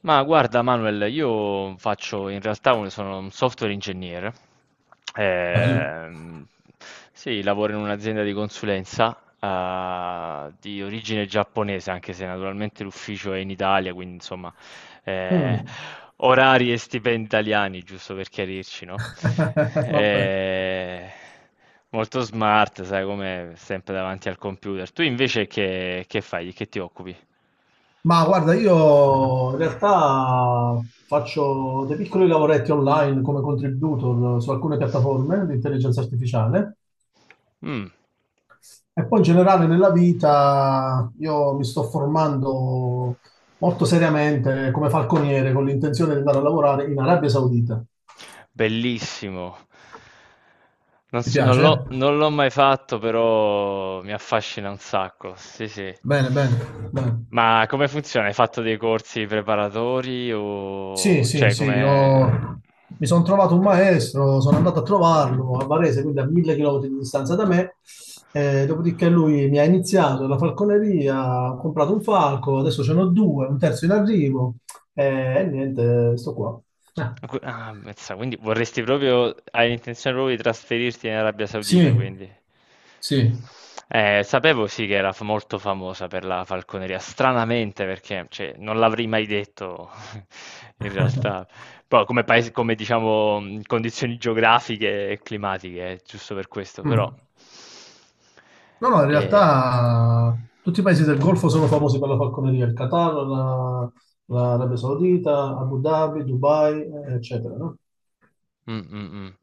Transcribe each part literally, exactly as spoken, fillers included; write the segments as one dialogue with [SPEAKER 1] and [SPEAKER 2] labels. [SPEAKER 1] Ma guarda Manuel, io faccio in realtà un, sono un software ingegnere.
[SPEAKER 2] Bello.
[SPEAKER 1] Ehm, sì, lavoro in un'azienda di consulenza eh, di origine giapponese, anche se naturalmente l'ufficio è in Italia, quindi insomma eh,
[SPEAKER 2] Mm.
[SPEAKER 1] orari e stipendi italiani, giusto per chiarirci, no?
[SPEAKER 2] Vabbè.
[SPEAKER 1] Eh, Molto smart, sai, come sempre davanti al computer. Tu invece che, che fai? Di che ti occupi?
[SPEAKER 2] Ma guarda, io in realtà faccio dei piccoli lavoretti online come contributor su alcune piattaforme di intelligenza artificiale
[SPEAKER 1] Mm.
[SPEAKER 2] e poi in generale nella vita io mi sto formando molto seriamente come falconiere con l'intenzione di andare a lavorare in Arabia Saudita.
[SPEAKER 1] Bellissimo. Non
[SPEAKER 2] Ti
[SPEAKER 1] so- non
[SPEAKER 2] piace?
[SPEAKER 1] l'ho non l'ho mai fatto, però mi affascina un sacco. Sì, sì.
[SPEAKER 2] Bene, bene, bene.
[SPEAKER 1] Ma come funziona? Hai fatto dei corsi preparatori
[SPEAKER 2] Sì,
[SPEAKER 1] o
[SPEAKER 2] sì,
[SPEAKER 1] cioè
[SPEAKER 2] sì,
[SPEAKER 1] come...
[SPEAKER 2] io mi sono trovato un maestro, sono andato a trovarlo a Varese, quindi a mille chilometri di distanza da me, eh, dopodiché lui mi ha iniziato la falconeria, ho comprato un falco, adesso ce n'ho due, un terzo in arrivo, eh, e niente, sto qua. Eh,
[SPEAKER 1] Qu ah, mazza, quindi vorresti proprio hai intenzione proprio di trasferirti in Arabia Saudita,
[SPEAKER 2] sì,
[SPEAKER 1] quindi.
[SPEAKER 2] sì.
[SPEAKER 1] Eh, sapevo sì che era f- molto famosa per la falconeria, stranamente perché cioè, non l'avrei mai detto in realtà, poi come paese, come diciamo mh, condizioni geografiche e climatiche, eh, giusto per questo, però
[SPEAKER 2] Mm. No, no, in
[SPEAKER 1] eh,
[SPEAKER 2] realtà tutti i paesi del Golfo sono famosi per la falconeria, il Qatar, la- l'Arabia Saudita, Abu Dhabi, Dubai, eh, eccetera, no?
[SPEAKER 1] mh, mh, mh.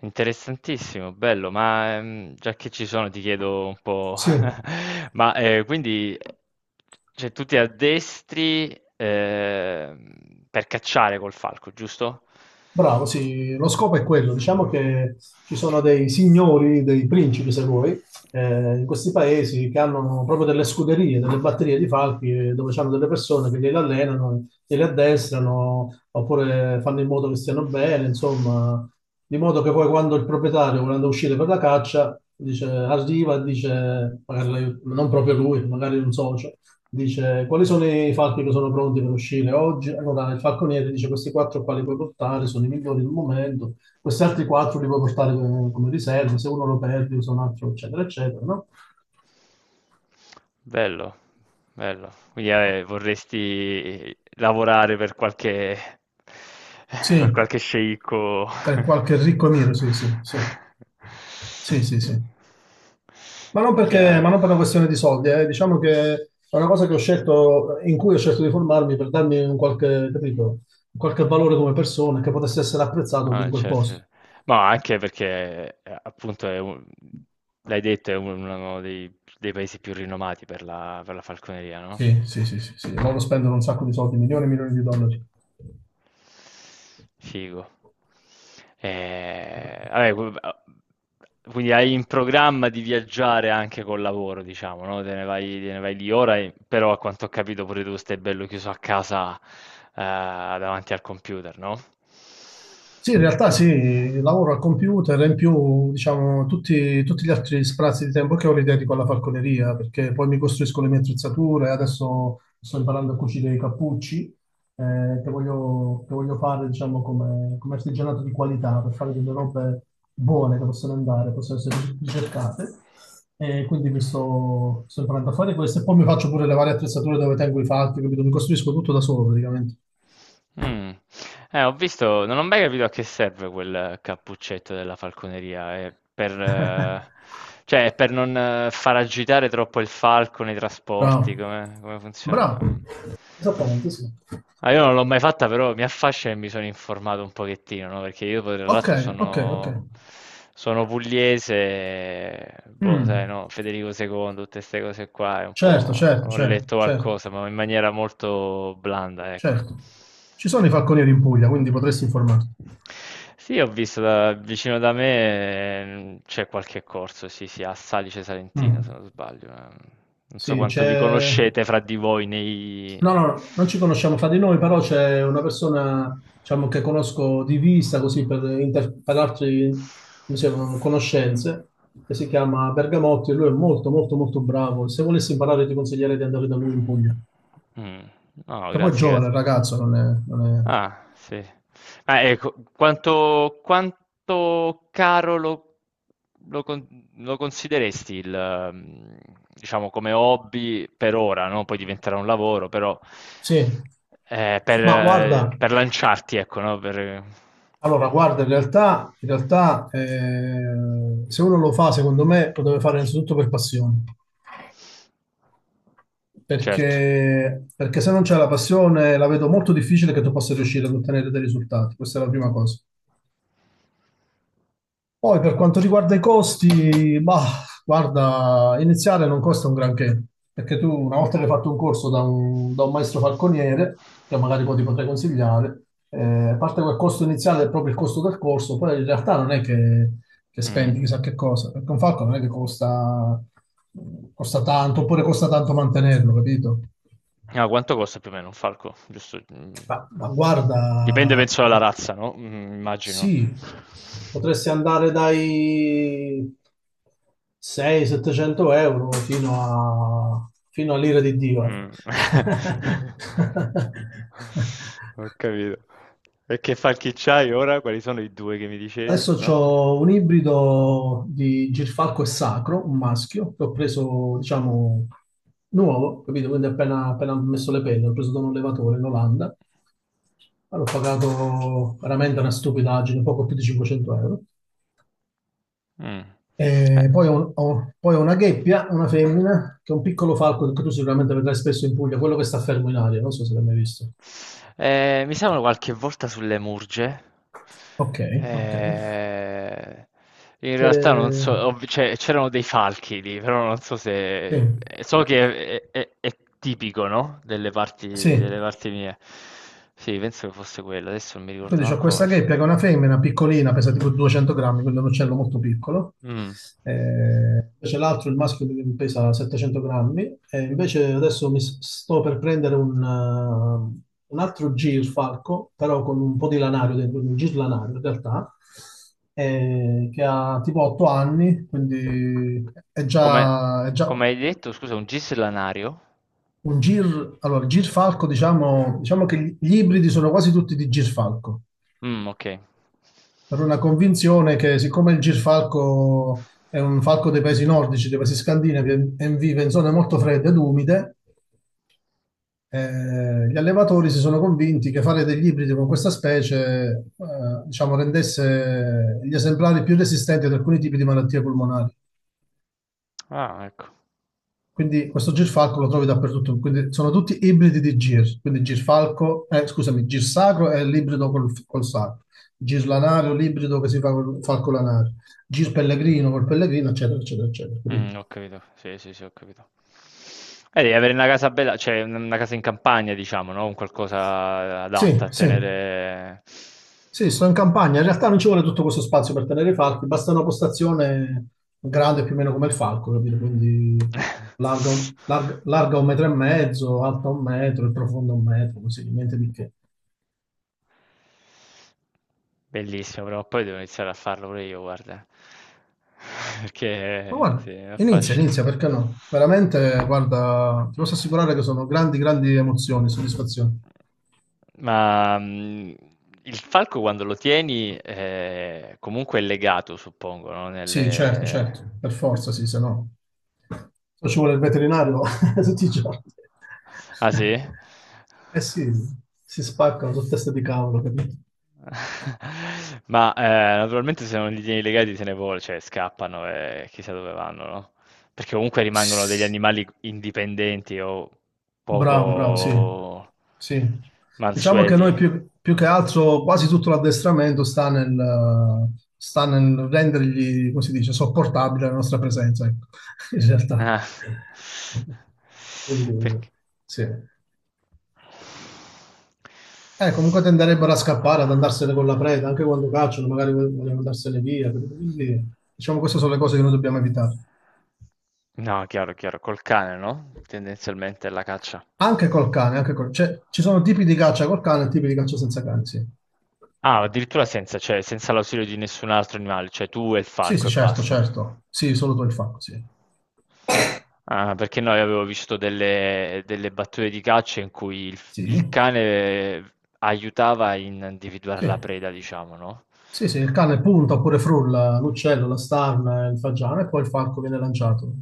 [SPEAKER 1] Interessantissimo, bello, ma, ehm, già che ci sono ti chiedo un po'
[SPEAKER 2] Sì,
[SPEAKER 1] ma, ehm, quindi, ehm, cioè tu ti addestri, ehm, per cacciare col falco, giusto?
[SPEAKER 2] bravo, sì, lo scopo è quello. Diciamo che ci sono dei signori, dei principi, se vuoi, eh, in questi paesi che hanno proprio delle scuderie, delle batterie di falchi, eh, dove hanno delle persone che li allenano, li addestrano, oppure fanno in modo che stiano bene, insomma, di modo che poi quando il proprietario, volendo uscire per la caccia, dice, arriva e dice, magari l'aiut- non proprio lui, magari un socio, Dice, quali sono i falchi che sono pronti per uscire oggi? Allora, il falconiere dice, questi quattro quali puoi portare sono i migliori del momento, questi altri quattro li puoi portare come, come riserva, se uno lo perdi usa un altro, eccetera, eccetera, no?
[SPEAKER 1] Bello, bello. Quindi eh, vorresti lavorare per qualche, per
[SPEAKER 2] Sì,
[SPEAKER 1] qualche sceicco.
[SPEAKER 2] per qualche ricco nero, sì, sì, sì. Sì, sì, sì. Ma non perché,
[SPEAKER 1] Chiaro.
[SPEAKER 2] ma non per una questione di soldi, eh. Diciamo che è una cosa che ho scelto, in cui ho scelto di formarmi per darmi un qualche, capito, un qualche valore come persona che potesse essere apprezzato lì
[SPEAKER 1] Ah,
[SPEAKER 2] in quel
[SPEAKER 1] certo,
[SPEAKER 2] posto.
[SPEAKER 1] certo. Ma anche perché eh, appunto è un- l'hai detto, è uno dei, dei paesi più rinomati per la, per la falconeria, no?
[SPEAKER 2] Sì, sì, sì, sì, sì. Loro spendono un sacco di soldi, milioni e milioni di dollari.
[SPEAKER 1] Figo.
[SPEAKER 2] Bello,
[SPEAKER 1] Ehm,
[SPEAKER 2] bello.
[SPEAKER 1] vabbè, qu a quindi hai in programma di viaggiare anche col lavoro, diciamo, no, te ne vai te ne vai lì ora e però a quanto ho capito pure tu stai bello chiuso a casa, ehm, davanti al computer, no?
[SPEAKER 2] Sì, in realtà sì, lavoro al computer e in più, diciamo, tutti, tutti gli altri spazi di tempo che ho li dedico alla falconeria, perché poi mi costruisco le mie attrezzature, adesso sto imparando a cucire i cappucci, eh, che voglio, che voglio fare, diciamo, come, come artigianato di qualità, per fare delle robe buone che possono andare, possono essere ricercate. E quindi mi sto, sto imparando a fare questo e poi mi faccio pure le varie attrezzature dove tengo i falchi, capito? Mi costruisco tutto da solo praticamente.
[SPEAKER 1] Mh. Eh, ho visto, non ho mai capito a che serve quel cappuccetto della falconeria. È per eh, cioè, è per non eh, far agitare troppo il falco nei trasporti?
[SPEAKER 2] Bravo,
[SPEAKER 1] Come come funziona?
[SPEAKER 2] bravo.
[SPEAKER 1] Mh.
[SPEAKER 2] Esattamente, sì.
[SPEAKER 1] Ah, io non l'ho mai fatta, però mi affascina e mi sono informato un pochettino, no, perché io poi tra
[SPEAKER 2] Ok,
[SPEAKER 1] l'altro
[SPEAKER 2] ok, ok.
[SPEAKER 1] sono sono pugliese e boh, sai,
[SPEAKER 2] Mm.
[SPEAKER 1] no, Federico secondo, tutte 'ste cose qua, è un
[SPEAKER 2] Certo,
[SPEAKER 1] po',
[SPEAKER 2] certo,
[SPEAKER 1] ho
[SPEAKER 2] certo,
[SPEAKER 1] letto
[SPEAKER 2] certo,
[SPEAKER 1] qualcosa, ma in maniera molto blanda, ecco.
[SPEAKER 2] certo. Ci sono i falconieri in Puglia, quindi potresti informarti.
[SPEAKER 1] Sì, ho visto, da vicino da me, ehm, c'è qualche corso, sì, sì, a Salice Salentino, se
[SPEAKER 2] Mm.
[SPEAKER 1] non sbaglio. Ma non so
[SPEAKER 2] Sì,
[SPEAKER 1] quanto vi
[SPEAKER 2] c'è...
[SPEAKER 1] conoscete fra di voi nei...
[SPEAKER 2] No, no, no, non ci conosciamo fra di noi, però c'è una persona, diciamo, che conosco di vista, così per interparlarci, come si chiamano, conoscenze, che si chiama Bergamotti e lui è molto, molto, molto bravo. Se volessi imparare ti consiglierei di andare da lui in Puglia.
[SPEAKER 1] Mh. No, no,
[SPEAKER 2] Che poi è
[SPEAKER 1] grazie,
[SPEAKER 2] giovane,
[SPEAKER 1] grazie.
[SPEAKER 2] il ragazzo, non è, non è-
[SPEAKER 1] Ah, sì. Ah, ecco, quanto quanto caro lo lo con lo consideresti il mhmm, diciamo come hobby per ora, no, poi
[SPEAKER 2] Mm.
[SPEAKER 1] diventerà un lavoro, però,
[SPEAKER 2] Sì,
[SPEAKER 1] ehm, per
[SPEAKER 2] ma guarda,
[SPEAKER 1] eh, per lanciarti, ecco, no, per
[SPEAKER 2] allora, guarda, in realtà, in realtà eh, se uno lo fa, secondo me, lo deve fare innanzitutto per passione.
[SPEAKER 1] certo.
[SPEAKER 2] Perché, perché se non c'è la passione, la vedo molto difficile che tu possa riuscire ad ottenere dei risultati. Questa è la prima cosa. Poi per quanto riguarda i costi, bah, guarda, iniziare non costa un granché, perché tu una volta che hai fatto un corso da un, da un maestro falconiere, che magari poi ti potrei consigliare, eh, a parte quel costo iniziale è proprio il costo del corso, poi in realtà non è che, che
[SPEAKER 1] Mh.
[SPEAKER 2] spendi chissà che cosa, perché un falco non è che costa, costa tanto, oppure costa tanto mantenerlo, capito?
[SPEAKER 1] Ah, quanto costa più o meno un falco? Giusto. Mm.
[SPEAKER 2] Ma, ma guarda,
[SPEAKER 1] Dipende, penso, dalla razza, no? Mm, immagino.
[SPEAKER 2] Sì, potresti andare dai seicento-settecento euro fino a, fino all'ira di Dio. Ecco.
[SPEAKER 1] Mm. Ho capito. E che falchi c'hai ora? Quali sono i due che mi dicevi,
[SPEAKER 2] Adesso
[SPEAKER 1] no?
[SPEAKER 2] ho un ibrido di Girfalco e Sacro, un maschio, che ho preso, diciamo, nuovo, capito? Quindi appena, appena ho messo le penne, l'ho preso da un allevatore in Olanda. L'ho pagato veramente una stupidaggine, poco più di cinquecento euro.
[SPEAKER 1] Mm. Eh.
[SPEAKER 2] E poi ho, ho- poi ho una gheppia, una femmina, che è un piccolo falco che tu sicuramente vedrai spesso in Puglia, quello che sta fermo in aria, non so se l'hai mai visto.
[SPEAKER 1] Ehm, mi servono qualche volta sulle murge.
[SPEAKER 2] Ok, ok.
[SPEAKER 1] Ehm, in
[SPEAKER 2] Che...
[SPEAKER 1] realtà non so, ho- cioè, c'erano dei falchi lì, però non so
[SPEAKER 2] Sì,
[SPEAKER 1] se eh, so che è, è- è tipico, no? Delle parti, delle
[SPEAKER 2] sì,
[SPEAKER 1] parti mie. Sì, penso che fosse quello, adesso non mi ricordo
[SPEAKER 2] Quindi c'ho
[SPEAKER 1] manco come...
[SPEAKER 2] questa
[SPEAKER 1] f-
[SPEAKER 2] gheppia che è una femmina piccolina, pesa tipo duecento grammi, quindi è un uccello molto piccolo.
[SPEAKER 1] mm.
[SPEAKER 2] Eh, invece l'altro, il maschio, che pesa settecento grammi. E invece adesso mi s- sto per prendere un, eh, un altro girfalco, però con un po' di lanario dentro, un girlanario in realtà, eh, che ha tipo otto anni, quindi è
[SPEAKER 1] Come,
[SPEAKER 2] già, è già
[SPEAKER 1] come hai detto, scusa, un gislanario?
[SPEAKER 2] un gir... Allora, il girfalco, diciamo, diciamo che gli ibridi sono quasi tutti di girfalco.
[SPEAKER 1] Mm, ok.
[SPEAKER 2] Per una convinzione che siccome il girfalco è un falco dei paesi nordici, dei paesi scandinavi, e vive in zone molto fredde ed umide, eh, gli allevatori si sono convinti che fare degli ibridi con questa specie, eh, diciamo, rendesse gli esemplari più resistenti ad alcuni tipi di malattie polmonari.
[SPEAKER 1] Ah, ecco.
[SPEAKER 2] Quindi questo girfalco lo trovi dappertutto, quindi sono tutti ibridi di gir, quindi girfalco, eh, scusami, girsacro è l'ibrido col, col sacro, girlanario l'ibrido che si fa col falco lanario, gir pellegrino col pellegrino, eccetera, eccetera, eccetera, capito?
[SPEAKER 1] Mh, ho capito. Sì, sì, sì, ho capito. Eh, devi avere una casa bella, cioè un una casa in campagna, diciamo, no, un qualcosa adatta
[SPEAKER 2] Sì,
[SPEAKER 1] a
[SPEAKER 2] sì,
[SPEAKER 1] tenere.
[SPEAKER 2] sì, sto in campagna, in realtà non ci vuole tutto questo spazio per tenere i falchi, basta una postazione grande più o meno come il falco, capito? Quindi larga un, larga- larga un metro e mezzo, alta un metro e profonda un metro, così, niente di che.
[SPEAKER 1] Bellissimo, prima o poi devo iniziare a farlo pure io, guarda.
[SPEAKER 2] Ma
[SPEAKER 1] Perché sì,
[SPEAKER 2] guarda,
[SPEAKER 1] mi
[SPEAKER 2] inizia,
[SPEAKER 1] affascina.
[SPEAKER 2] inizia, perché no? Veramente, guarda, ti posso assicurare che sono grandi, grandi emozioni, soddisfazioni.
[SPEAKER 1] Ma, mhmm, il falco quando lo tieni, ehm, comunque è legato, suppongo, no,
[SPEAKER 2] Sì, certo,
[SPEAKER 1] nelle...
[SPEAKER 2] certo, per forza, sì, se no. Se no ci vuole il veterinario tutti i giorni.
[SPEAKER 1] Ah sì?
[SPEAKER 2] Eh sì, si spaccano su testa di cavolo, capito?
[SPEAKER 1] Ma eh, naturalmente se non li tieni legati se ne vol cioè scappano e chissà dove vanno, no? Perché comunque rimangono degli animali indipendenti o
[SPEAKER 2] Bravo, bravo, sì.
[SPEAKER 1] poco
[SPEAKER 2] Sì. Diciamo che
[SPEAKER 1] mansueti.
[SPEAKER 2] noi più, più che altro quasi tutto l'addestramento sta nel, sta nel rendergli, come si dice, sopportabile la nostra presenza, ecco, in realtà.
[SPEAKER 1] Ah.
[SPEAKER 2] Quindi,
[SPEAKER 1] Perché...
[SPEAKER 2] sì. Eh, comunque tenderebbero a scappare, ad andarsene con la preda, anche quando cacciano, magari vogliono andarsene via. capito? Quindi, diciamo, queste sono le cose che noi dobbiamo evitare.
[SPEAKER 1] No, chiaro, chiaro, col cane, no? Tendenzialmente è la caccia.
[SPEAKER 2] Anche col cane, anche col... cioè, ci sono tipi di caccia col cane e tipi di caccia senza cane, sì.
[SPEAKER 1] Ah, addirittura senza, cioè, senza l'ausilio di nessun altro animale, cioè tu e il
[SPEAKER 2] Sì,
[SPEAKER 1] falco
[SPEAKER 2] sì,
[SPEAKER 1] e
[SPEAKER 2] certo,
[SPEAKER 1] basta.
[SPEAKER 2] certo. Sì, solo tu il fatto, sì.
[SPEAKER 1] Ah, perché noi avevo visto delle, delle battute di caccia in cui il,
[SPEAKER 2] Sì,
[SPEAKER 1] il cane aiutava in individuare
[SPEAKER 2] sì.
[SPEAKER 1] la preda, diciamo, no?
[SPEAKER 2] Sì, sì, il cane punta oppure frulla l'uccello, la starna, il fagiano e poi il falco viene lanciato.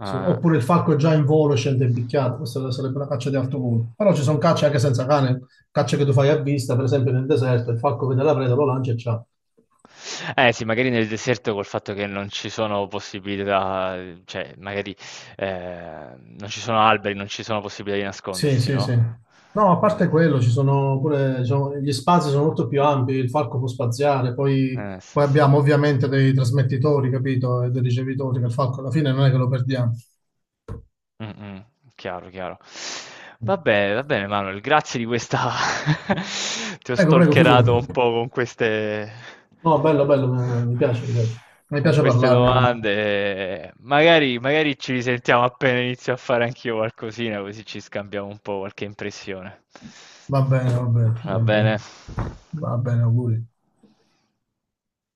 [SPEAKER 2] Su- Oppure il falco è già in volo e scende impicchiato. Questa sarebbe una caccia di alto volo. Però ci sono cacce anche senza cane, cacce che tu fai a vista, per esempio nel deserto, il falco vede la preda, lo lancia e ciao.
[SPEAKER 1] Eh sì, magari nel deserto col fatto che non ci sono possibilità, cioè magari eh, non ci sono alberi, non ci sono possibilità di
[SPEAKER 2] Sì,
[SPEAKER 1] nascondersi,
[SPEAKER 2] sì, sì.
[SPEAKER 1] no?
[SPEAKER 2] No, a parte quello, ci sono pure, diciamo, gli spazi sono molto più ampi, il falco può spaziare, poi,
[SPEAKER 1] Eh sì,
[SPEAKER 2] poi
[SPEAKER 1] sì.
[SPEAKER 2] abbiamo ovviamente dei trasmettitori, capito, e dei ricevitori, che il falco alla fine non è che lo perdiamo.
[SPEAKER 1] Mh-mh. Chiaro, chiaro. Va bene, va bene Manuel, grazie di questa ti ho
[SPEAKER 2] Prego, prego, figurati.
[SPEAKER 1] stalkerato un po' con queste
[SPEAKER 2] No, bello, bello, eh, mi piace, mi piace. Mi
[SPEAKER 1] con
[SPEAKER 2] piace
[SPEAKER 1] queste
[SPEAKER 2] parlarne, quindi
[SPEAKER 1] domande. Magari magari ci risentiamo appena inizio a fare anch'io qualcosina, così ci scambiamo un po' qualche impressione.
[SPEAKER 2] va bene, va bene,
[SPEAKER 1] Va
[SPEAKER 2] va
[SPEAKER 1] bene?
[SPEAKER 2] bene. Va bene, auguri.